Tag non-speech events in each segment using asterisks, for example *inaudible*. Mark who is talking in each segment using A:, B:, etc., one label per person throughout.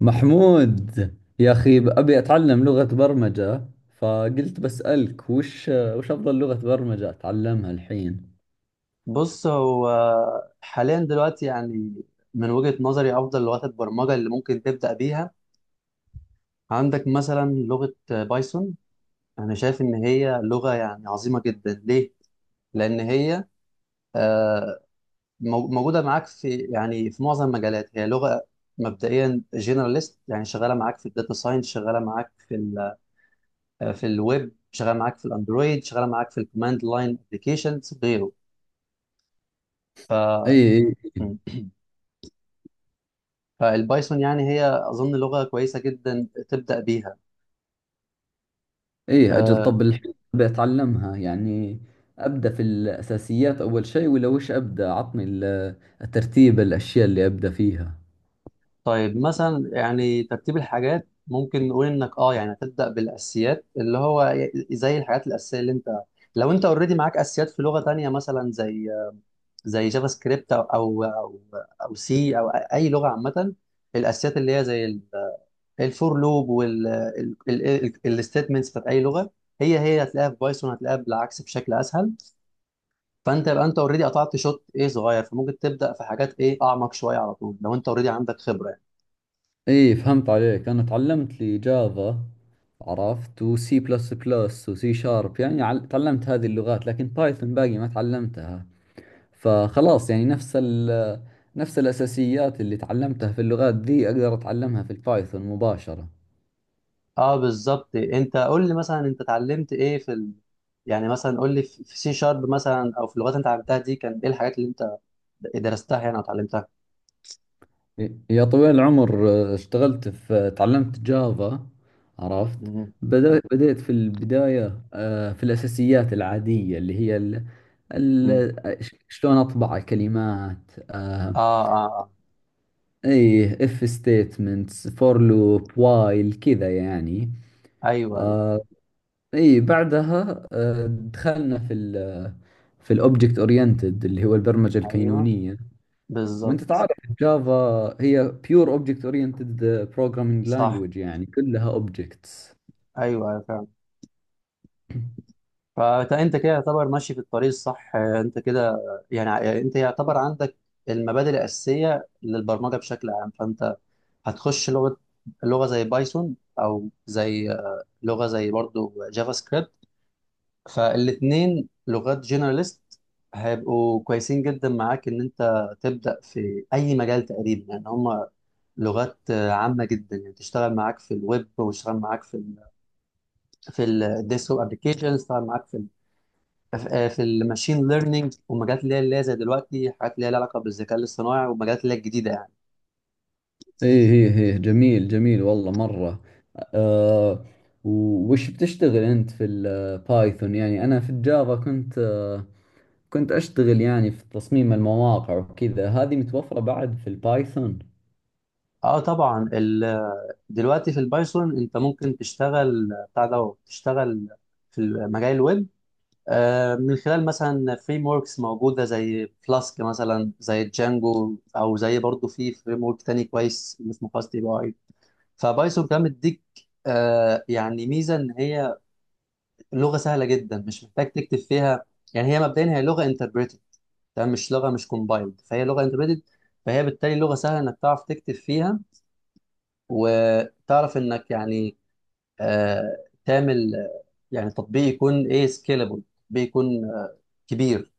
A: محمود، يا أخي أبي أتعلم لغة برمجة، فقلت بسألك وش أفضل لغة برمجة أتعلمها الحين؟
B: بص هو حاليا دلوقتي يعني من وجهة نظري أفضل لغات البرمجة اللي ممكن تبدأ بيها. عندك مثلا لغة بايثون. أنا شايف إن هي لغة يعني عظيمة جدا. ليه؟ لأن هي آه، موجودة معاك في يعني في معظم المجالات. هي لغة مبدئيا جنراليست يعني شغالة معاك في الداتا ساينس، شغالة معاك في ال آه، في الويب، شغالة معاك في الأندرويد، شغالة معاك في الكوماند لاين أبلكيشنز،
A: إي
B: غيره.
A: إي إي
B: فالبايثون يعني هي أظن لغة كويسة جدا تبدأ بيها.
A: إي، أجل.
B: آه،
A: طب الحين أبي أتعلمها يعني، أبدأ في الأساسيات أول شيء؟ ولا وش أبدأ؟ عطني الترتيب، الأشياء اللي أبدأ فيها.
B: طيب مثلا يعني ترتيب الحاجات ممكن نقول إنك يعني هتبدأ بالأساسيات، اللي هو زي الحاجات الأساسية اللي أنت. لو أنت أوريدي معاك أساسيات في لغة تانية مثلا زي جافا سكريبت أو سي أو أي لغة عامة. الأساسيات اللي هي زي الفور لوب والستيتمنتس بتاعت أي لغة، هي هتلاقيها في بايثون، هتلاقيها بالعكس بشكل أسهل. فانت يبقى انت اوريدي قطعت شوط ايه صغير، فممكن تبدا في حاجات ايه اعمق شويه على طول لو انت اوريدي عندك خبره يعني.
A: إي، فهمت عليك. أنا تعلمت لي جافا، عرفت، وسي بلس بلس وسي شارب، يعني تعلمت هذه اللغات، لكن بايثون باقي ما تعلمتها. فخلاص يعني نفس الأساسيات اللي تعلمتها في اللغات ذي أقدر أتعلمها في البايثون مباشرة.
B: اه بالظبط. انت قول لي مثلا انت اتعلمت ايه في يعني مثلا قول لي في سي شارب مثلا او في اللغات اللي انت اتعلمتها دي كان ايه الحاجات اللي انت درستها يعني او اتعلمتها.
A: يا طويل العمر، اشتغلت في تعلمت جافا، عرفت.
B: مم.
A: بديت في البداية، في الأساسيات العادية اللي هي
B: مم.
A: شلون أطبع الكلمات،
B: اه اه اه.
A: إيه، if statements for loop while، كذا يعني.
B: ايوه ايوه.
A: آه، اي، بعدها دخلنا في ال آه، في الاوبجكت اورينتد اللي هو البرمجه
B: أيوة،
A: الكينونيه. وانت
B: بالظبط.
A: تعرف الجافا هي بيور اوبجكت اورينتد بروجرامينج
B: صح.
A: لانجويج، يعني كلها اوبجكتس.
B: ايوه ايوه فعلا. فانت كده يعتبر ماشي في الطريق الصح، انت كده يعني انت يعتبر عندك المبادئ الاساسيه للبرمجه بشكل عام. فانت هتخش لغة، لغة زي بايثون أو زي لغة زي برضو جافا سكريبت. فالاتنين لغات جنراليست، هيبقوا كويسين جدا معاك إن أنت تبدأ في أي مجال تقريبا يعني. هما لغات عامة جدا، يعني تشتغل معاك في الويب وتشتغل معاك في في الديسكتوب ابلكيشن، تشتغل معاك في ال آه، في الماشين ليرنينج ومجالات اللي هي زي دلوقتي حاجات اللي هي لها علاقة بالذكاء الاصطناعي ومجالات اللي هي الجديدة يعني.
A: اي، هي جميل، جميل والله، مره. أه، وش بتشتغل انت في البايثون؟ يعني انا في الجافا كنت، اشتغل يعني في تصميم المواقع وكذا. هذه متوفره بعد في البايثون؟
B: اه طبعا دلوقتي في البايثون انت ممكن تشتغل بتاع ده، تشتغل في مجال الويب من خلال مثلا فريم وركس موجوده زي فلاسك مثلا، زي جانجو، او زي برضو في فريم ورك تاني كويس اسمه فاست API. فبايثون كمان بتديك يعني ميزه ان هي لغه سهله جدا، مش محتاج تكتب فيها. يعني هي مبدئيا هي لغه انتربريتد، تمام، مش لغه، مش كومبايلد، فهي لغه انتربريتد. فهي بالتالي لغه سهله انك تعرف تكتب فيها وتعرف انك يعني آه، تعمل يعني تطبيق يكون ايه سكيلبل، تطبيق يكون كبير،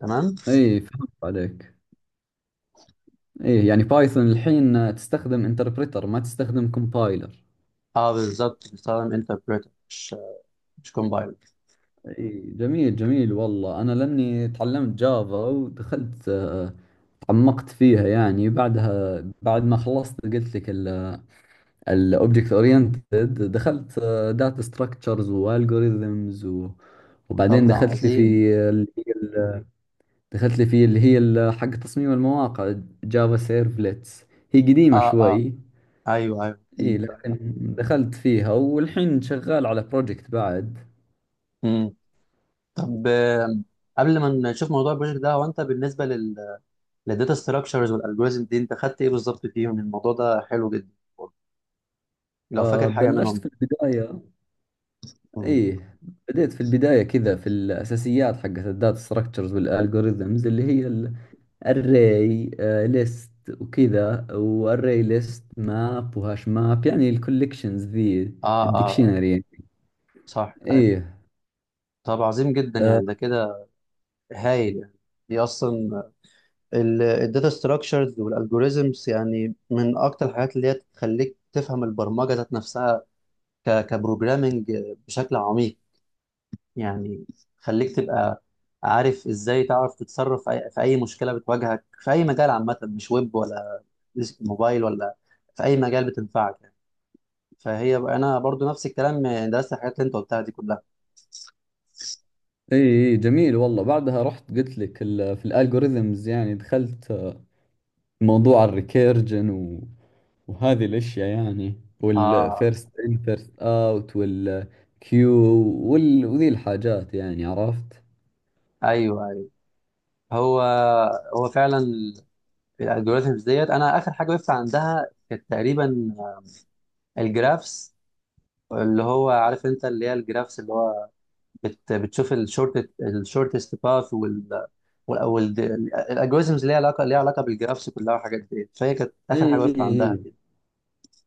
B: تمام.
A: اي، فهمت عليك. ايه، يعني بايثون الحين تستخدم انتربريتر، ما تستخدم كومبايلر.
B: اه بالظبط، بتستخدم انتربريتر، مش كومبايلر.
A: ايه، جميل جميل والله. انا لاني تعلمت جافا ودخلت، تعمقت فيها يعني. بعدها بعد ما خلصت قلت لك الاوبجكت اورينتد، دخلت داتا ستراكشرز والجوريزمز،
B: طب
A: وبعدين
B: ده عظيم.
A: اللي هي ال- دخلت لي في اللي هي حق تصميم المواقع، جافا سيرفلتس، هي قديمة
B: اه اه.
A: شوي.
B: ايوه ايوه
A: اي
B: عظيم فعلا.
A: لكن دخلت فيها، والحين شغال على بروجكت بعد.
B: مم. طب قبل ما نشوف موضوع البروجكت ده، هو انت بالنسبه للداتا ستراكشرز والالجوريزم دي، انت خدت ايه بالظبط فيهم؟ الموضوع ده حلو جدا لو فاكر حاجه
A: بلشت في
B: منهم.
A: البداية.
B: مم.
A: اي، بديت في البداية كذا، في الأساسيات حقت الداتا ستراكشرز والالجوريزمز اللي هي الاري ليست وكذا، واري ليست، ماب، وهاش ماب، يعني الكوليكشنز ذي،
B: اه اه آه،
A: الدكشنري.
B: صح. أيوة.
A: ايه.
B: طب عظيم جدا.
A: آه
B: يعني ده كده هايل يعني. دي اصلا الداتا ستراكشرز والالجوريزمز يعني من اكتر الحاجات اللي هي تخليك تفهم البرمجه ذات نفسها كبروجرامنج بشكل عميق. يعني خليك تبقى عارف ازاي تعرف تتصرف في في أي مشكله بتواجهك في اي مجال عامه، مش ويب ولا موبايل ولا، في اي مجال بتنفعك يعني. فهي بقى انا برضو نفس الكلام، درست الحاجات اللي انت قلتها دي كلها.
A: ايه، إيه، جميل والله. بعدها رحت قلت لك في الالجوريزمز، يعني دخلت موضوع الريكيرجن وهذه الأشياء يعني،
B: اه
A: والفيرست إن فيرست أوت والكيو، وذي الحاجات، يعني عرفت؟
B: ايوه ايوه. هو هو فعلا الالجوريزمز ديت. انا اخر حاجه وقفت عندها كانت تقريبا الجرافس، اللي هو عارف انت، اللي هي الجرافس، اللي هو بتشوف الشورتست باث، وال الالجوريزمز اللي هي ليها علاقه بالجرافس كلها والحاجات دي. فهي كانت
A: اي
B: اخر حاجه
A: اي
B: وقفت
A: اي،
B: عندها دي.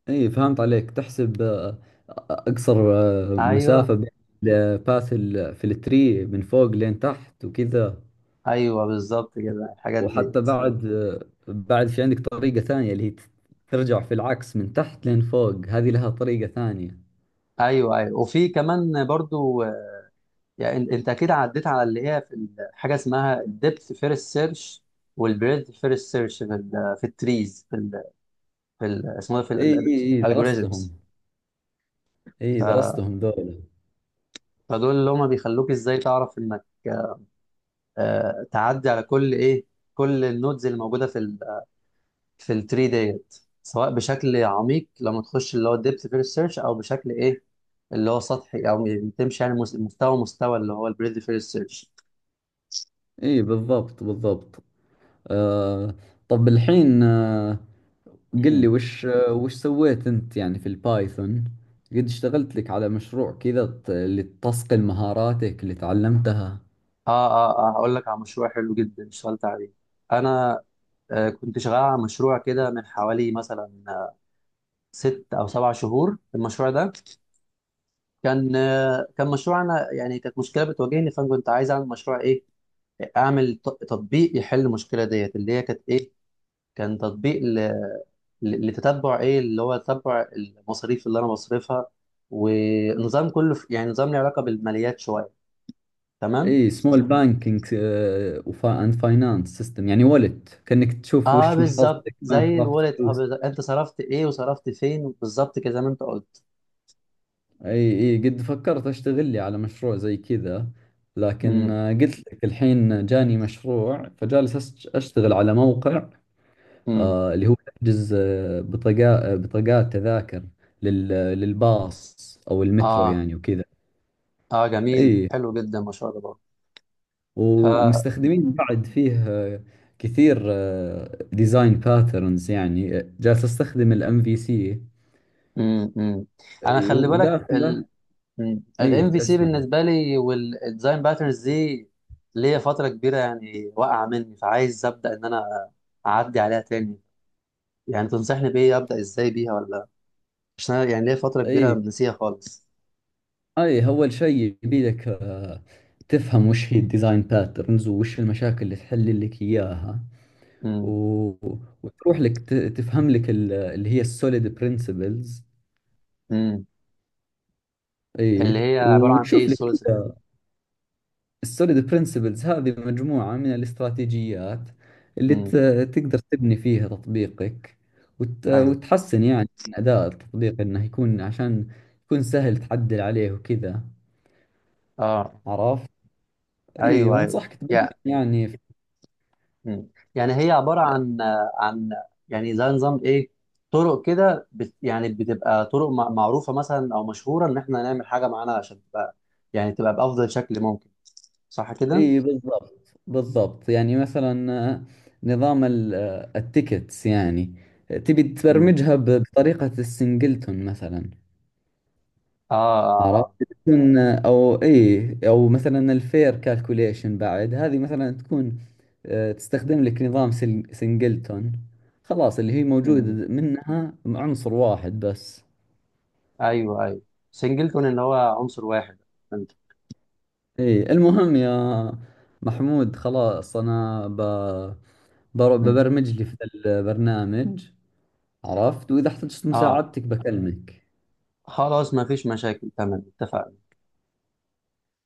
A: اي فهمت عليك. تحسب اقصر
B: ايوه
A: مسافة بين في التري من فوق لين تحت وكذا.
B: ايوه بالظبط كده الحاجات دي.
A: وحتى بعد، في عندك طريقة ثانية اللي هي ترجع في العكس من تحت لين فوق، هذه لها طريقة ثانية.
B: ايوه ايوه. وفي كمان برضو يعني، انت اكيد عديت على اللي هي في حاجه اسمها الديبث فيرست سيرش والبريدث فيرست سيرش في في التريز في اسمه ده في
A: اي اي اي، درستهم.
B: الالجوريزمز.
A: اي، درستهم ذولا.
B: فدول اللي هما بيخلوك ازاي تعرف انك تعدي على كل ايه، كل النودز اللي موجوده في في التري ديت، سواء بشكل عميق لما تخش اللي هو الديبث فيرست سيرش او بشكل ايه اللي هو سطحي او بتمشي يعني مستوى مستوى اللي هو البريد فيرست سيرش.
A: اي، بالضبط بالضبط. آه طب الحين،
B: *clears throat*
A: قل
B: اه
A: لي، وش سويت انت يعني في البايثون؟ قد اشتغلت لك على مشروع كذا اللي تصقل مهاراتك اللي تعلمتها.
B: اه اه. هقول لك على مشروع حلو جدا اشتغلت عليه انا. كنت شغال على مشروع كده من حوالي مثلا 6 او 7 شهور. المشروع ده كان كان مشروع. انا يعني كانت مشكله بتواجهني، فانا كنت عايز اعمل مشروع ايه، اعمل تطبيق يحل المشكله ديت اللي هي كانت ايه. كان تطبيق لتتبع ايه اللي هو تتبع المصاريف اللي انا بصرفها. ونظام كله في يعني نظام له علاقه بالماليات شويه، تمام.
A: اي، سمول بانكينج اند فاينانس سيستم، يعني ولت كأنك تشوف
B: اه
A: وش
B: بالظبط
A: محفظتك، وين
B: زي
A: صرفت
B: الولد هاب
A: فلوس.
B: بالظبط. انت صرفت ايه وصرفت فين بالظبط كده زي ما انت قلت.
A: اي اي، قد فكرت اشتغل لي على مشروع زي كذا، لكن
B: امم
A: قلت لك الحين جاني مشروع، فجالس اشتغل على موقع،
B: امم.
A: اللي هو تحجز بطاقات، تذاكر لل- للباص او المترو
B: اه
A: يعني وكذا.
B: اه جميل
A: اي،
B: حلو جدا ما شاء الله. ف
A: ومستخدمين بعد فيه كثير. ديزاين باترنز، يعني جالس استخدم الام في سي.
B: امم امم انا
A: اي،
B: خلي بالك،
A: وداخله.
B: الام
A: اي،
B: في سي
A: اسلم.
B: بالنسبه لي والديزاين باترنز دي ليا فتره كبيره يعني واقعه مني، فعايز ابدا ان انا اعدي عليها تاني. يعني تنصحني بايه؟ ابدا ازاي بيها ولا، عشان أنا يعني ليا فتره كبيره
A: اي
B: نسيها خالص.
A: اي، اول شيء يبي لك تفهم وش هي الديزاين باترنز، وش المشاكل اللي تحل لك اياها، و...
B: امم
A: وتروح لك تفهم لك اللي هي السوليد برنسبلز.
B: امم.
A: اي،
B: اللي هي عباره عن ايه
A: وتشوف لك.
B: السوليسيتي؟
A: السوليد برنسبلز هذه مجموعة من الاستراتيجيات اللي
B: امم.
A: تقدر تبني فيها تطبيقك،
B: ايوه
A: وتحسن يعني من أداء التطبيق، إنه يكون عشان يكون سهل تعدل عليه وكذا،
B: اه
A: عرفت؟ اي،
B: ايوه ايوه
A: وانصحك تبني
B: يعني.
A: يعني
B: مم. يعني هي عبارة عن عن يعني زي نظام ايه، طرق كده يعني بتبقى طرق معروفة مثلا او مشهورة ان احنا نعمل حاجة معانا عشان تبقى يعني تبقى بأفضل شكل ممكن، صح كده؟
A: اي، بالضبط بالضبط. يعني مثلا نظام التيكتس، يعني تبي
B: مم.
A: تبرمجها بطريقة السنجلتون مثلا،
B: اه اه اه.
A: عرفت، تكون. او اي او مثلا الفير كالكوليشن بعد، هذه مثلا تكون تستخدم لك نظام سنجلتون، خلاص، اللي هي موجود
B: مم.
A: منها عنصر واحد بس.
B: ايوه ايوه سنجلتون اللي هو عنصر واحد انت.
A: اي، المهم يا محمود، خلاص انا
B: مم.
A: ببرمج لي في البرنامج، عرفت، واذا احتجت
B: اه
A: مساعدتك بكلمك.
B: خلاص، ما فيش مشاكل، تمام اتفقنا.